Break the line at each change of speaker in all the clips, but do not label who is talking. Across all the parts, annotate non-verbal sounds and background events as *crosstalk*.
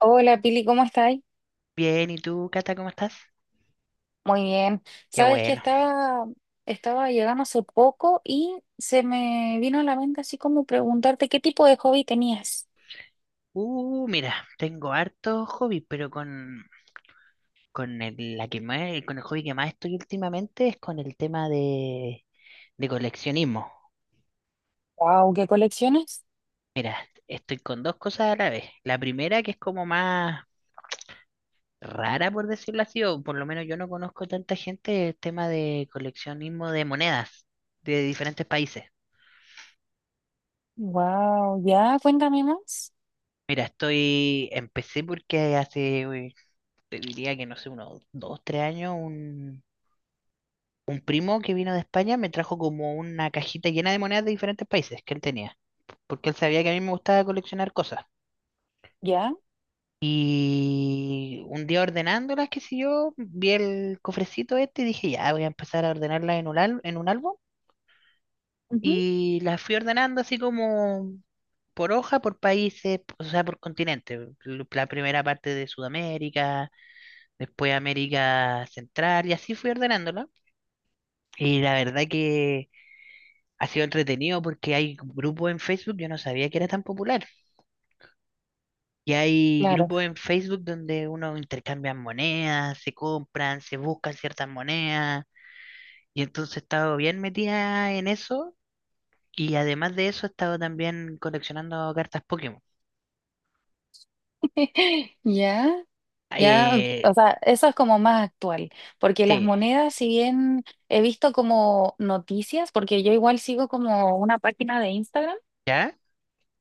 Hola Pili, ¿cómo estáis?
Bien, ¿y tú, Cata, cómo estás?
Muy bien.
Qué
Sabes que
bueno.
estaba llegando hace poco y se me vino a la mente así como preguntarte qué tipo de hobby tenías.
Mira, tengo hartos hobbies, pero con el, con el hobby que más estoy últimamente es con el tema de coleccionismo.
Wow, ¿qué colecciones?
Mira, estoy con dos cosas a la vez. La primera, que es como más rara, por decirlo así, o por lo menos yo no conozco tanta gente, el tema de coleccionismo de monedas de diferentes países.
Wow, ya, cuéntame más.
Mira, estoy, empecé porque hace, uy, te diría que no sé, unos 2, 3 años. Un primo que vino de España me trajo como una cajita llena de monedas de diferentes países que él tenía, porque él sabía que a mí me gustaba coleccionar cosas.
Ya,
Y un día ordenándolas, qué sé yo, vi el cofrecito este y dije, ya, voy a empezar a ordenarlas en en un álbum.
ujú,
Y las fui ordenando así como por hoja, por países, o sea, por continente. La primera parte de Sudamérica, después América Central, y así fui ordenándola. Y la verdad que ha sido entretenido porque hay grupos en Facebook, yo no sabía que era tan popular. Y hay
claro.
grupos en Facebook donde uno intercambia monedas, se compran, se buscan ciertas monedas. Y entonces he estado bien metida en eso. Y además de eso, he estado también coleccionando cartas Pokémon.
*laughs* Ya, ya, o
Eh,
sea, eso es como más actual, porque las
sí,
monedas, si bien he visto como noticias, porque yo igual sigo como una página de Instagram.
¿ya?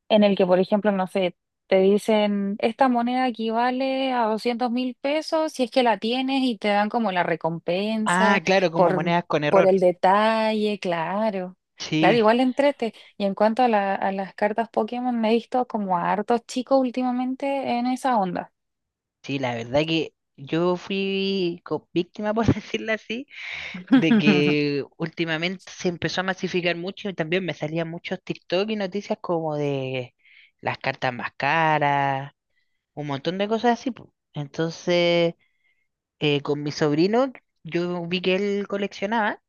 En el que, por ejemplo, no sé, te dicen, esta moneda equivale a 200.000 pesos si es que la tienes y te dan como la
Ah,
recompensa
claro, como
por,
monedas con
por
error.
el detalle, claro. Claro,
Sí,
igual entrete. Y en cuanto a las cartas Pokémon, me he visto como a hartos chicos últimamente en esa onda.
sí, la verdad que yo fui víctima, por *laughs* decirlo así de
*laughs*
que últimamente se empezó a masificar mucho y también me salían muchos TikTok y noticias como de las cartas más caras, un montón de cosas así, po. Entonces, con mi sobrino, yo vi que él coleccionaba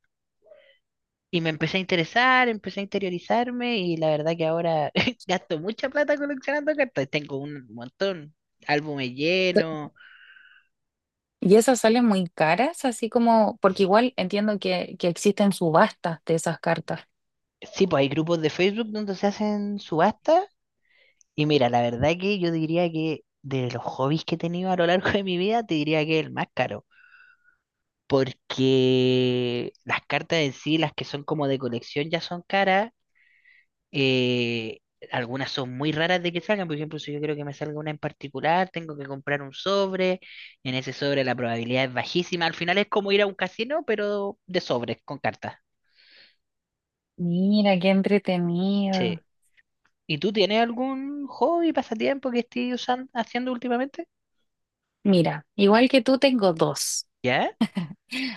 y me empecé a interesar, empecé a interiorizarme y la verdad que ahora *laughs* gasto mucha plata coleccionando cartas. Tengo un montón, álbumes llenos.
Y esas salen muy caras, así como, porque igual entiendo que existen subastas de esas cartas.
Sí, pues hay grupos de Facebook donde se hacen subastas. Y mira, la verdad que yo diría que de los hobbies que he tenido a lo largo de mi vida, te diría que es el más caro. Porque las cartas en sí, las que son como de colección, ya son caras. eh, Algunas son muy raras de que salgan. Por ejemplo, si yo creo que me salga una en particular, tengo que comprar un sobre. En ese sobre la probabilidad es bajísima. Al final es como ir a un casino, pero de sobres, con cartas.
Mira, qué entretenido.
Sí. ¿Y tú tienes algún hobby, pasatiempo que estés usando, haciendo últimamente?
Mira, igual que tú tengo dos.
¿Ya?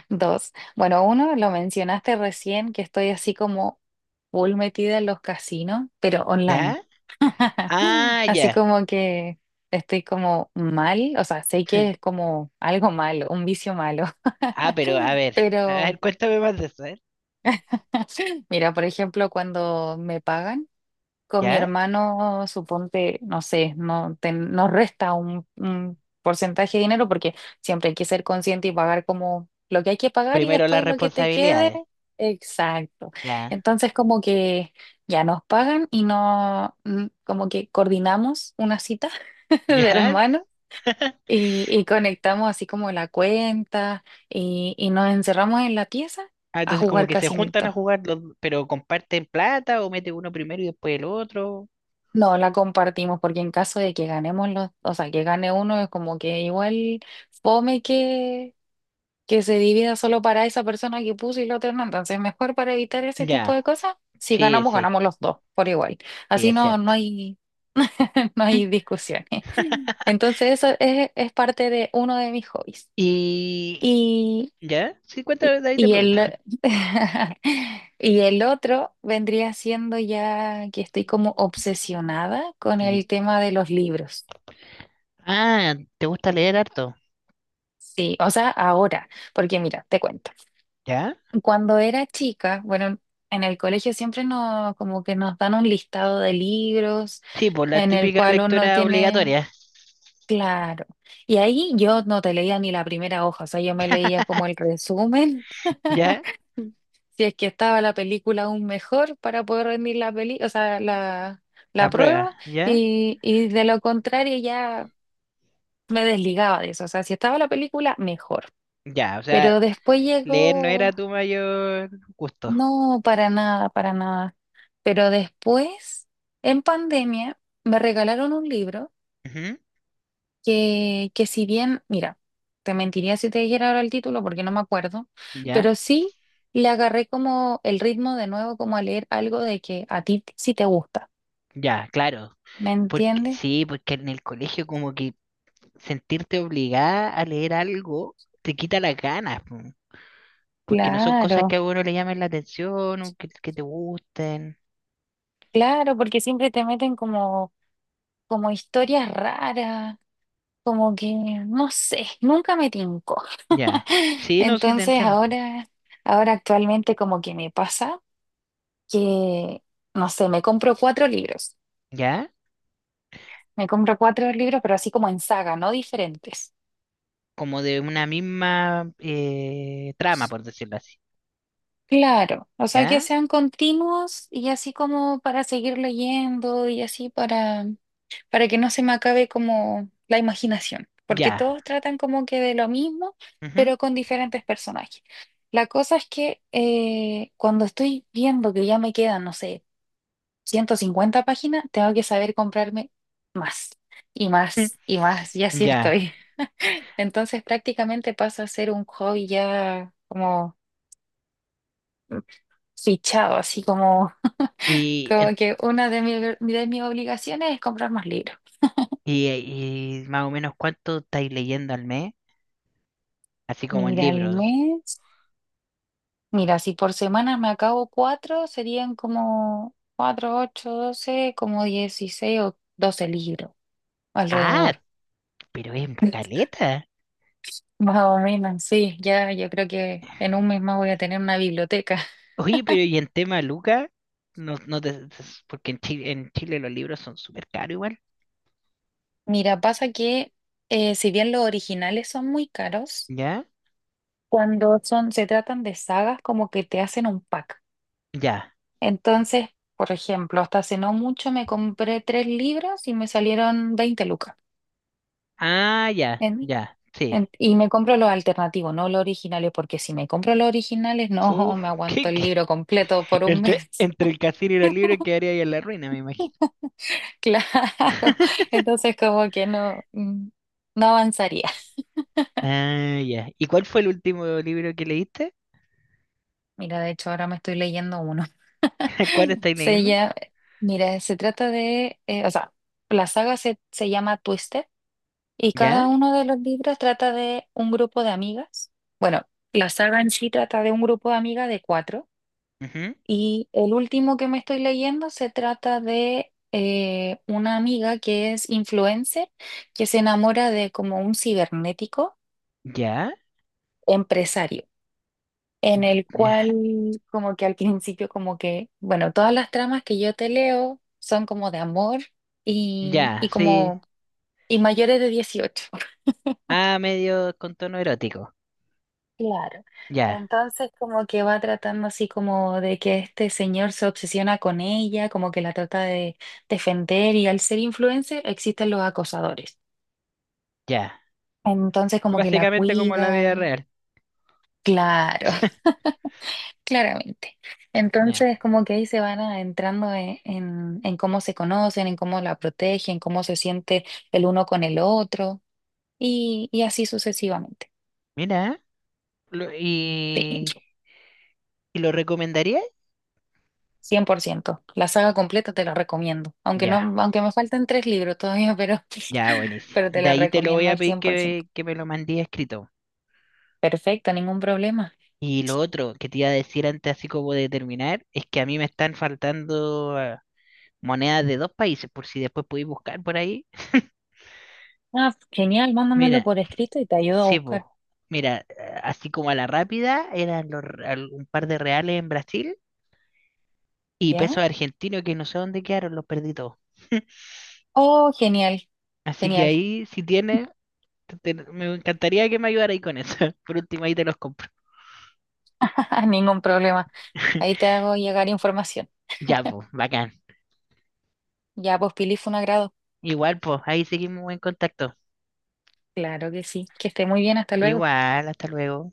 Dos. Bueno, uno lo mencionaste recién, que estoy así como full metida en los casinos, pero online.
¿Ya?
*laughs*
Ah,
Así
ya.
como que estoy como mal, o sea, sé que es como algo malo, un vicio malo.
Ah, pero
*laughs*
a
Pero
ver, cuéntame más de eso, ¿eh?
mira, por ejemplo, cuando me pagan. Con mi
¿Ya?
hermano, suponte, no sé, no te- nos resta un porcentaje de dinero porque siempre hay que ser consciente y pagar como lo que hay que pagar y
Primero las
después lo que te quede.
responsabilidades,
Exacto.
¿ya?
Entonces como que ya nos pagan y no, como que coordinamos una cita *laughs* de
¿Ya?
hermanos y conectamos así como la cuenta y nos encerramos en la pieza
Ah,
a
entonces como
jugar
que se juntan a
casinito.
jugar, los- pero comparten plata o mete uno primero y después el otro.
No, la compartimos porque en caso de que ganemos los, o sea, que gane uno es como que igual fome que se divida solo para esa persona que puso y la otra no. Entonces, mejor para evitar ese tipo
Ya,
de cosas, si
sí,
ganamos,
sí,
ganamos los dos por igual.
sí,
Así
es
no, no
cierto.
hay, *laughs* no hay discusiones. *laughs*
*laughs*
Entonces, eso es parte de uno de mis hobbies.
Y...
y
¿Ya? Sí, cuéntame, de ahí te
y
pregunto.
el,
*laughs*
*laughs* y el otro vendría siendo ya que estoy como obsesionada con
Y-
el tema de los libros.
Ah, ¿te gusta leer harto?
Sí, o sea, ahora, porque mira, te cuento.
¿Ya?
Cuando era chica, bueno, en el colegio siempre nos, como que nos dan un listado de libros
Sí, por la
en el
típica
cual uno
lectura
tiene,
obligatoria,
claro. Y ahí yo no te leía ni la primera hoja, o sea, yo me leía como el resumen
¿ya?
si es que estaba la película aún mejor para poder rendir la peli, o sea, la,
La
la
prueba,
prueba,
¿ya?
y de lo contrario ya me desligaba de eso. O sea, si estaba la película, mejor.
Ya, o sea,
Pero después
leer no era
llegó,
tu mayor gusto.
no, para nada, para nada. Pero después, en pandemia, me regalaron un libro que si bien, mira, te mentiría si te dijera ahora el título porque no me acuerdo,
¿Ya?
pero sí le agarré como el ritmo de nuevo, como a leer algo de que a ti sí te gusta,
Ya, claro.
¿me
Porque,
entiendes?
sí, porque en el colegio como que sentirte obligada a leer algo te quita las ganas, po, porque no son cosas
Claro,
que a uno le llamen la atención o que te gusten.
claro, porque siempre te meten como historias raras, como que, no sé, nunca me tincó.
Ya.
*laughs*
Sí, no, sí, te
Entonces
entiendo.
ahora, ahora actualmente como que me pasa que, no sé, me compro cuatro libros.
¿Ya?
Me compro cuatro libros, pero así como en saga, no diferentes.
Como de una misma trama, por decirlo así.
Claro, o sea que
¿Ya?
sean continuos y así como para seguir leyendo y así para que no se me acabe como la imaginación, porque
Ya.
todos tratan como que de lo mismo,
Ujú.
pero con diferentes personajes. La cosa es que cuando estoy viendo que ya me quedan, no sé, 150 páginas, tengo que saber comprarme más y
Mm,
más y más, y así
ya.
estoy. Entonces prácticamente pasa a ser un hobby ya como fichado, así como, *laughs*
Y,
como que una de mis obligaciones es comprar más libros.
y, y más o menos cuánto estáis leyendo al mes, así como en
Mira, al
libros.
mes, mira, si por semana me acabo cuatro, serían como cuatro, ocho, doce, como 16 o doce libros
Ah,
alrededor.
pero es
*laughs*
caleta.
Más o menos, sí, ya yo creo que en un mes más voy a tener una biblioteca.
Oye, pero y en tema Luca, no, porque en Chile los libros son súper caros igual.
Mira, pasa que si bien los originales son muy caros,
¿Ya?
cuando se tratan de sagas, como que te hacen un pack.
Ya.
Entonces, por ejemplo, hasta hace no mucho me compré tres libros y me salieron 20 lucas.
Ah, ya,
En-
ya, sí.
y me compro los alternativos, no los originales, porque si me compro los originales, no
Uf,
me
*laughs*
aguanto
¿qué-
el
qué?
libro completo por un
Entre,
mes.
entre
*laughs*
el casino y los libros quedaría ahí en la ruina, me imagino.
Claro.
*laughs*
Entonces, como que no, no avanzaría.
Ah, ya. ¿Y cuál fue el último libro que leíste?
Mira, de hecho, ahora me estoy leyendo uno.
*laughs* ¿Cuál
*laughs*
estáis
Se
leyendo?
llama, mira, se trata de, o sea, la saga se llama Twisted. Y
¿Ya?
cada uno de los libros trata de un grupo de amigas. Bueno, la saga en sí trata de un grupo de amigas de cuatro.
Ujú.
Y el último que me estoy leyendo se trata de una amiga que es influencer, que se enamora de como un cibernético
¿Ya?
empresario, en el cual
¿Ya? *laughs*
como que al principio como que, bueno, todas las tramas que yo te leo son como de amor y,
Ya,
y
sí.
como... Y mayores de 18.
Ah, medio con tono erótico.
Claro.
Ya,
Entonces como que va tratando así como de que este señor se obsesiona con ella, como que la trata de defender y al ser influencer existen los acosadores.
ya.
Entonces como que la
Básicamente como la vida
cuida.
real.
Claro,
*laughs*
*laughs* claramente.
Ya.
Entonces como que ahí se van entrando en cómo se conocen, en cómo la protegen, cómo se siente el uno con el otro y así sucesivamente.
Mira. Lo- y,
Sí.
¿y lo recomendarías?
100%. La saga completa te la recomiendo. Aunque
Ya,
no, aunque me faltan tres libros todavía, pero,
ya,
*laughs*
buenísimo.
pero te
De
la
ahí te lo voy
recomiendo
a
al
pedir
100%.
que me lo mandí escrito.
Perfecto, ningún problema.
Y lo otro que te iba a decir antes, así como de terminar, es que a mí me están faltando monedas de dos países, por si después podéis buscar por ahí. *laughs*
Ah, genial, mándamelo
Mira,
por escrito y te ayudo a
sí,
buscar.
po. Mira, así como a la rápida, eran un par de reales en Brasil y
¿Ya?
pesos argentinos que no sé dónde quedaron, los perdí todos.
Oh, genial,
Así que
genial.
ahí, si tienes, me encantaría que me ayudara ahí con eso. *laughs* Por último, ahí te los compro.
*laughs* Ningún problema.
*laughs*
Ahí te hago llegar información.
Ya, pues, bacán.
Ya, pues, Pili, fue un agrado.
Igual, pues, ahí seguimos en contacto.
Claro que sí. Que esté muy bien, hasta luego.
Igual, hasta luego.